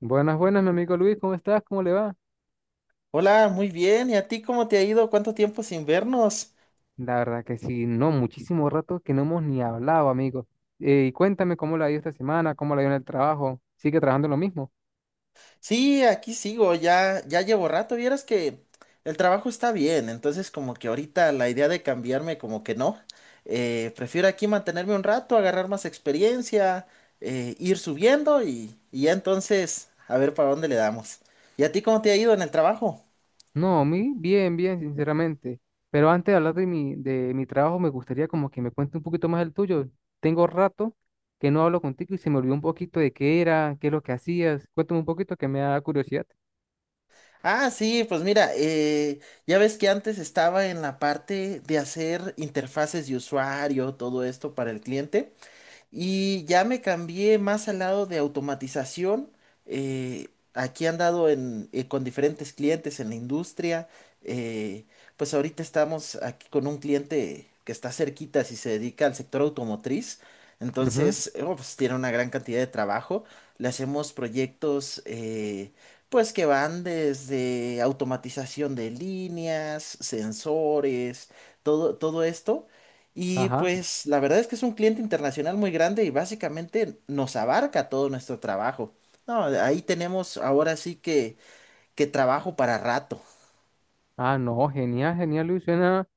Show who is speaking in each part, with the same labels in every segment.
Speaker 1: Buenas, buenas, mi amigo Luis, ¿cómo estás? ¿Cómo le va?
Speaker 2: Hola, muy bien. ¿Y a ti cómo te ha ido? ¿Cuánto tiempo sin vernos?
Speaker 1: La verdad que sí, no, muchísimo rato que no hemos ni hablado, amigo. Y cuéntame cómo la ha ido esta semana, cómo la ha ido en el trabajo. ¿Sigue trabajando en lo mismo?
Speaker 2: Sí, aquí sigo, ya llevo rato. Vieras que el trabajo está bien, entonces como que ahorita la idea de cambiarme como que no. Prefiero aquí mantenerme un rato, agarrar más experiencia, ir subiendo y ya entonces a ver para dónde le damos. ¿Y a ti cómo te ha ido en el trabajo?
Speaker 1: No, a mí bien, bien, sinceramente. Pero antes de hablar de mi trabajo, me gustaría como que me cuente un poquito más el tuyo. Tengo rato que no hablo contigo y se me olvidó un poquito de qué era, qué es lo que hacías. Cuéntame un poquito que me da curiosidad.
Speaker 2: Ah, sí, pues mira, ya ves que antes estaba en la parte de hacer interfaces de usuario, todo esto para el cliente. Y ya me cambié más al lado de automatización. eh, Aquí he andado en, con diferentes clientes en la industria. eh, pues ahorita estamos aquí con un cliente que está cerquita, si se dedica al sector automotriz.
Speaker 1: Ujú.
Speaker 2: Entonces, pues tiene una gran cantidad de trabajo. Le hacemos proyectos. Pues que van desde automatización de líneas, sensores, todo esto. Y
Speaker 1: Ajá.
Speaker 2: pues la verdad es que es un cliente internacional muy grande y básicamente nos abarca todo nuestro trabajo. No, ahí tenemos ahora sí que trabajo para rato.
Speaker 1: Ah, no, genial, genial, Luis. Suena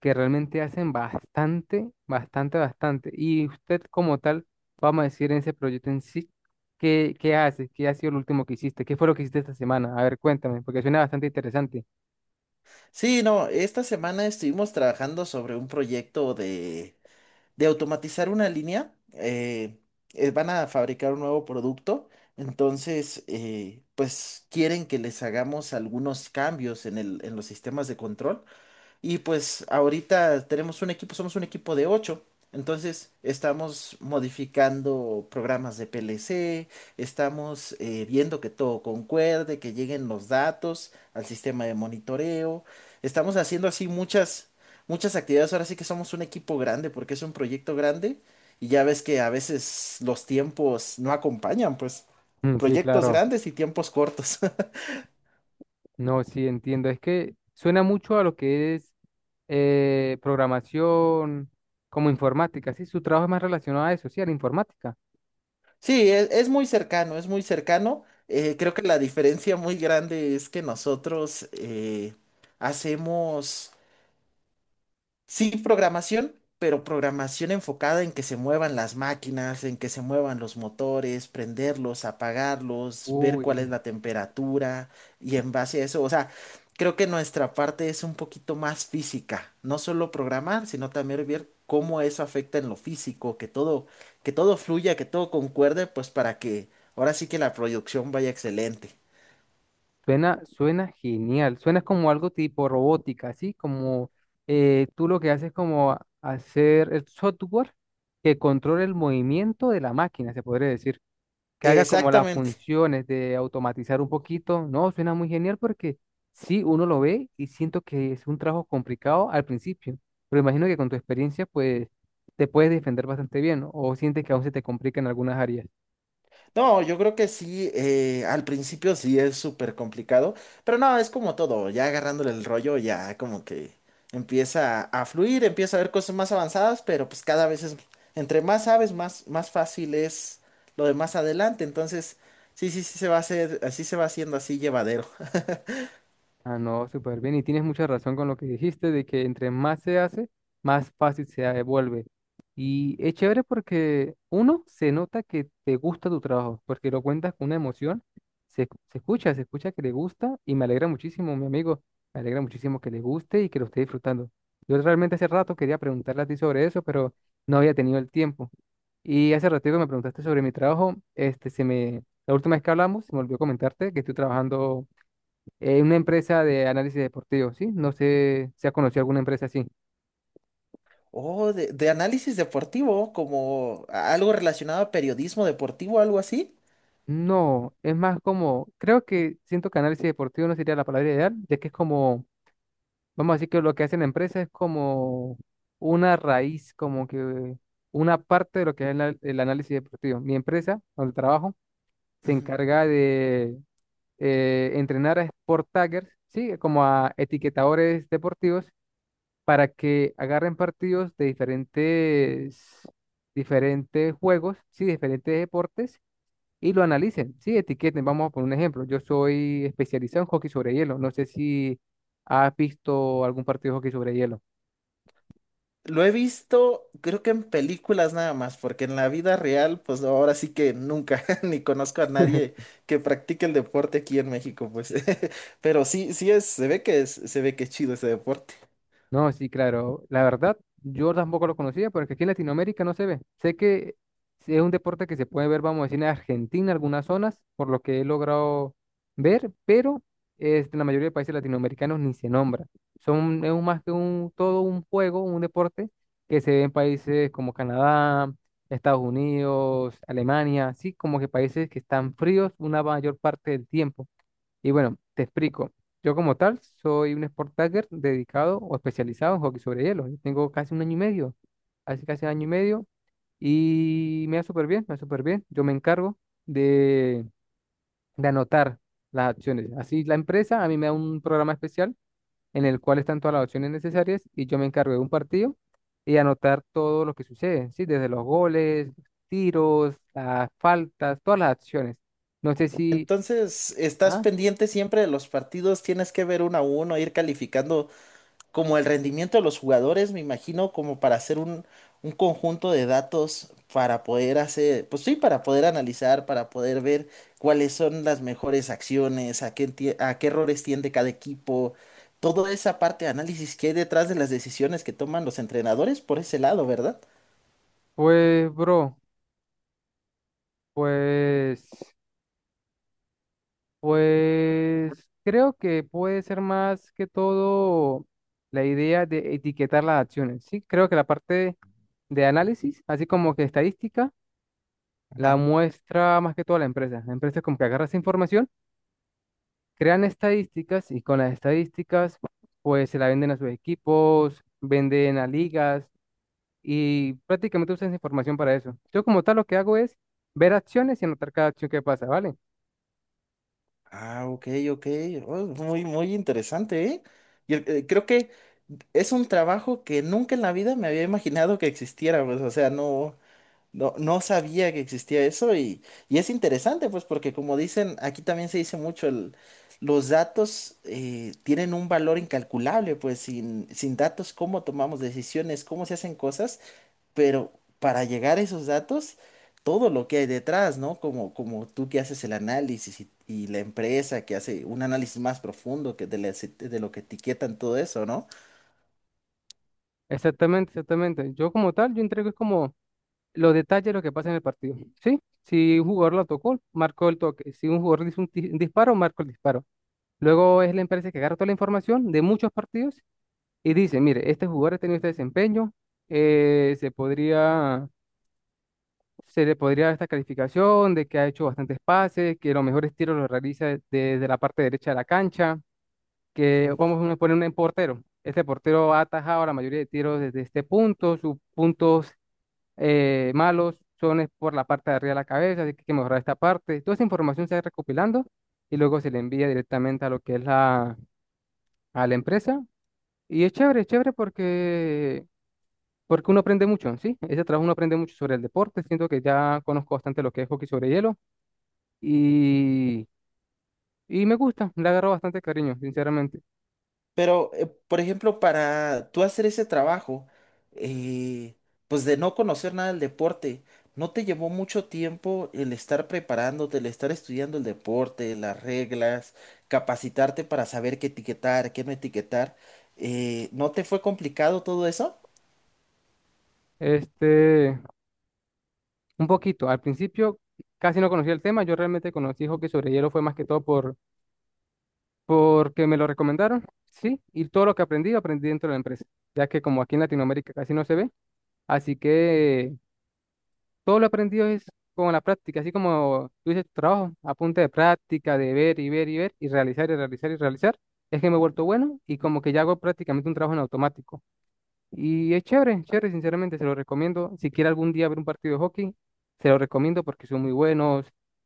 Speaker 1: que realmente hacen bastante, bastante, bastante. Y usted como tal, vamos a decir en ese proyecto en sí, ¿qué hace? ¿Qué ha sido lo último que hiciste? ¿Qué fue lo que hiciste esta semana? A ver, cuéntame, porque suena bastante interesante.
Speaker 2: Sí, no, esta semana estuvimos trabajando sobre un proyecto de automatizar una línea, van a fabricar un nuevo producto, entonces, pues quieren que les hagamos algunos cambios en los sistemas de control y pues ahorita tenemos un equipo, somos un equipo de ocho. Entonces estamos modificando programas de PLC, estamos viendo que todo concuerde, que lleguen los datos al sistema de monitoreo. Estamos haciendo así muchas actividades. Ahora sí que somos un equipo grande porque es un proyecto grande y ya ves que a veces los tiempos no acompañan, pues
Speaker 1: Mm, sí,
Speaker 2: proyectos
Speaker 1: claro.
Speaker 2: grandes y tiempos cortos.
Speaker 1: No, sí, entiendo. Es que suena mucho a lo que es programación como informática, ¿sí? Su trabajo es más relacionado a eso, sí, a la informática.
Speaker 2: Sí, es muy cercano, es muy cercano. Creo que la diferencia muy grande es que nosotros hacemos... Sí, programación, pero programación enfocada en que se muevan las máquinas, en que se muevan los motores, prenderlos, apagarlos, ver
Speaker 1: Uy,
Speaker 2: cuál es la temperatura y en base a eso, o sea, creo que nuestra parte es un poquito más física, no solo programar, sino también ver cómo eso afecta en lo físico, que todo fluya, que todo concuerde, pues para que ahora sí que la producción vaya excelente.
Speaker 1: suena, suena genial, suena como algo tipo robótica, así como tú lo que haces es como hacer el software que controle el movimiento de la máquina, se podría decir, que haga como las
Speaker 2: Exactamente.
Speaker 1: funciones de automatizar un poquito. No, suena muy genial porque sí, uno lo ve y siento que es un trabajo complicado al principio, pero imagino que con tu experiencia pues te puedes defender bastante bien, ¿no? O sientes que aún se te complica en algunas áreas.
Speaker 2: No, yo creo que sí, al principio sí es súper complicado, pero no, es como todo, ya agarrándole el rollo, ya como que empieza a fluir, empieza a ver cosas más avanzadas, pero pues entre más sabes, más fácil es lo de más adelante, entonces sí, sí se va a hacer, así se va haciendo así llevadero.
Speaker 1: Ah, no, súper bien. Y tienes mucha razón con lo que dijiste de que entre más se hace, más fácil se devuelve. Y es chévere porque uno se nota que te gusta tu trabajo, porque lo cuentas con una emoción, se escucha, se escucha que le gusta y me alegra muchísimo, mi amigo, me alegra muchísimo que le guste y que lo esté disfrutando. Yo realmente hace rato quería preguntarle a ti sobre eso, pero no había tenido el tiempo. Y hace ratito que me preguntaste sobre mi trabajo, este, la última vez que hablamos, se me olvidó comentarte que estoy trabajando. Una empresa de análisis deportivo, ¿sí? No sé si ha conocido alguna empresa así.
Speaker 2: Oh, de análisis deportivo, como algo relacionado a periodismo deportivo, algo así.
Speaker 1: No, es más como, creo que siento que análisis deportivo no sería la palabra ideal, ya que es como, vamos a decir que lo que hace la empresa es como una raíz, como que una parte de lo que es el análisis deportivo. Mi empresa, donde trabajo, se
Speaker 2: Ujú.
Speaker 1: encarga de entrenar a sport taggers, ¿sí? Como a etiquetadores deportivos para que agarren partidos de diferentes juegos, sí, diferentes deportes y lo analicen, sí, etiqueten. Vamos a poner un ejemplo. Yo soy especializado en hockey sobre hielo. No sé si has visto algún partido de hockey sobre hielo.
Speaker 2: Lo he visto, creo que en películas nada más, porque en la vida real, pues no, ahora sí que nunca, ni conozco a nadie que practique el deporte aquí en México, pues. Pero sí, se ve que es, se ve que es chido ese deporte.
Speaker 1: No, sí, claro. La verdad, yo tampoco lo conocía porque aquí en Latinoamérica no se ve. Sé que sí es un deporte que se puede ver, vamos a decir, en Argentina, algunas zonas, por lo que he logrado ver, pero este, en la mayoría de países latinoamericanos ni se nombra. Son, es más que un, todo un juego, un deporte que se ve en países como Canadá, Estados Unidos, Alemania, así como que países que están fríos una mayor parte del tiempo. Y bueno, te explico. Yo como tal soy un sport tagger dedicado o especializado en hockey sobre hielo. Yo tengo casi un año y medio, hace casi un año y medio, y me va súper bien, me va súper bien. Yo me encargo de, de anotar las acciones. Así la empresa a mí me da un programa especial en el cual están todas las opciones necesarias y yo me encargo de un partido y anotar todo lo que sucede, ¿sí? Desde los goles, los tiros, las faltas, todas las acciones. No sé si...
Speaker 2: Entonces, ¿estás
Speaker 1: Ah,
Speaker 2: pendiente siempre de los partidos? ¿Tienes que ver uno a uno, ir calificando como el rendimiento de los jugadores, me imagino, como para hacer un conjunto de datos para poder hacer, pues sí, para poder analizar, para poder ver cuáles son las mejores acciones, a qué errores tiende cada equipo, toda esa parte de análisis que hay detrás de las decisiones que toman los entrenadores por ese lado, ¿verdad?
Speaker 1: pues, bro. Pues, pues creo que puede ser más que todo la idea de etiquetar las acciones, ¿sí? Creo que la parte de análisis, así como que estadística, la
Speaker 2: Ajá.
Speaker 1: muestra más que todo la empresa. La empresa como que agarra esa información, crean estadísticas y con las estadísticas pues se la venden a sus equipos, venden a ligas y prácticamente usan esa información para eso. Yo como tal lo que hago es ver acciones y anotar cada acción que pasa, ¿vale?
Speaker 2: Ah, ok, ok. Oh, muy interesante, ¿eh? Y creo que es un trabajo que nunca en la vida me había imaginado que existiera, pues, o sea, no. No, no sabía que existía eso, y es interesante, pues, porque como dicen, aquí también se dice mucho, los datos tienen un valor incalculable, pues, sin datos, cómo tomamos decisiones, cómo se hacen cosas, pero para llegar a esos datos, todo lo que hay detrás, ¿no? Como tú que haces el análisis y la empresa que hace un análisis más profundo de lo que etiquetan todo eso, ¿no?
Speaker 1: Exactamente, exactamente. Yo como tal, yo entrego es como los detalles de lo que pasa en el partido. ¿Sí? Si un jugador lo tocó, marcó el toque. Si un jugador dice un disparo, marcó el disparo. Luego es la empresa que agarra toda la información de muchos partidos y dice, mire, este jugador ha tenido este desempeño, se podría, se le podría dar esta calificación de que ha hecho bastantes pases, que los mejores tiros los realiza desde la parte derecha de la cancha, que vamos a poner un portero. Este portero ha atajado la mayoría de tiros desde este punto, sus puntos malos, son es por la parte de arriba de la cabeza, así que hay que mejorar esta parte. Toda esa información se va recopilando y luego se le envía directamente a lo que es a la empresa. Y es chévere porque, porque uno aprende mucho, ¿sí? Ese trabajo uno aprende mucho sobre el deporte, siento que ya conozco bastante lo que es hockey sobre hielo y, y me gusta, le agarro bastante cariño, sinceramente.
Speaker 2: Pero, por ejemplo, para tú hacer ese trabajo, eh, pues de no conocer nada del deporte, ¿no te llevó mucho tiempo el estar preparándote, el estar estudiando el deporte, las reglas, capacitarte para saber qué etiquetar, qué no etiquetar? ¿No te fue complicado todo eso?
Speaker 1: Este, un poquito, al principio casi no conocía el tema, yo realmente conocí hockey sobre hielo fue más que todo porque me lo recomendaron, sí, y todo lo que aprendí, aprendí dentro de la empresa, ya que como aquí en Latinoamérica casi no se ve, así que todo lo aprendido es con la práctica, así como tú dices, tu trabajo, a punta de práctica, de ver y ver y ver, y realizar y realizar y realizar, es que me he vuelto bueno y como que ya hago prácticamente un trabajo en automático. Y es chévere, chévere, sinceramente, se lo recomiendo. Si quiere algún día ver un partido de hockey, se lo recomiendo porque son muy buenos.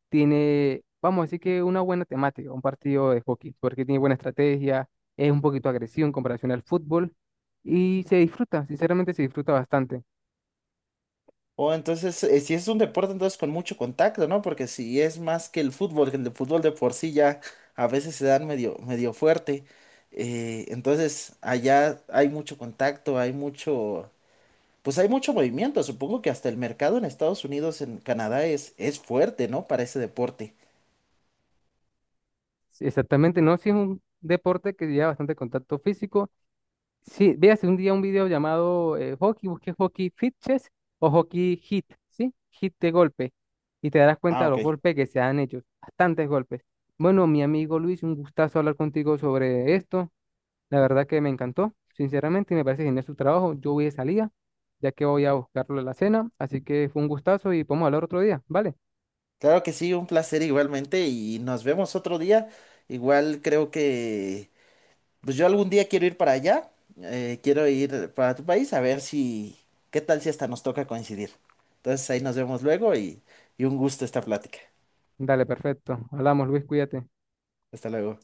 Speaker 1: Tiene, vamos a decir que una buena temática, un partido de hockey, porque tiene buena estrategia, es un poquito agresivo en comparación al fútbol y se disfruta, sinceramente se disfruta bastante.
Speaker 2: O entonces, si es un deporte, entonces con mucho contacto, ¿no? Porque si es más que el fútbol, que el de fútbol de por sí ya a veces se dan medio fuerte. Entonces, allá hay mucho contacto, hay mucho, pues hay mucho movimiento. Supongo que hasta el mercado en Estados Unidos, en Canadá, es fuerte, ¿no? Para ese deporte.
Speaker 1: Sí, exactamente, no, si es un deporte que lleva bastante contacto físico. Sí, véase un día un video llamado hockey, busque hockey fit chess o hockey hit, ¿sí? Hit de golpe. Y te darás cuenta
Speaker 2: Ah,
Speaker 1: de
Speaker 2: ok.
Speaker 1: los golpes que se dan ellos, bastantes golpes. Bueno, mi amigo Luis, un gustazo hablar contigo sobre esto. La verdad que me encantó, sinceramente, y me parece genial su trabajo. Yo voy de salida, ya que voy a buscarlo en la cena, así que fue un gustazo y podemos hablar otro día, ¿vale?
Speaker 2: Claro que sí, un placer igualmente y nos vemos otro día. Igual creo que pues yo algún día quiero ir para allá, quiero ir para tu país, a ver si, qué tal si hasta nos toca coincidir. Entonces ahí nos vemos luego y un gusto esta plática.
Speaker 1: Dale, perfecto. Hablamos, Luis, cuídate.
Speaker 2: Hasta luego.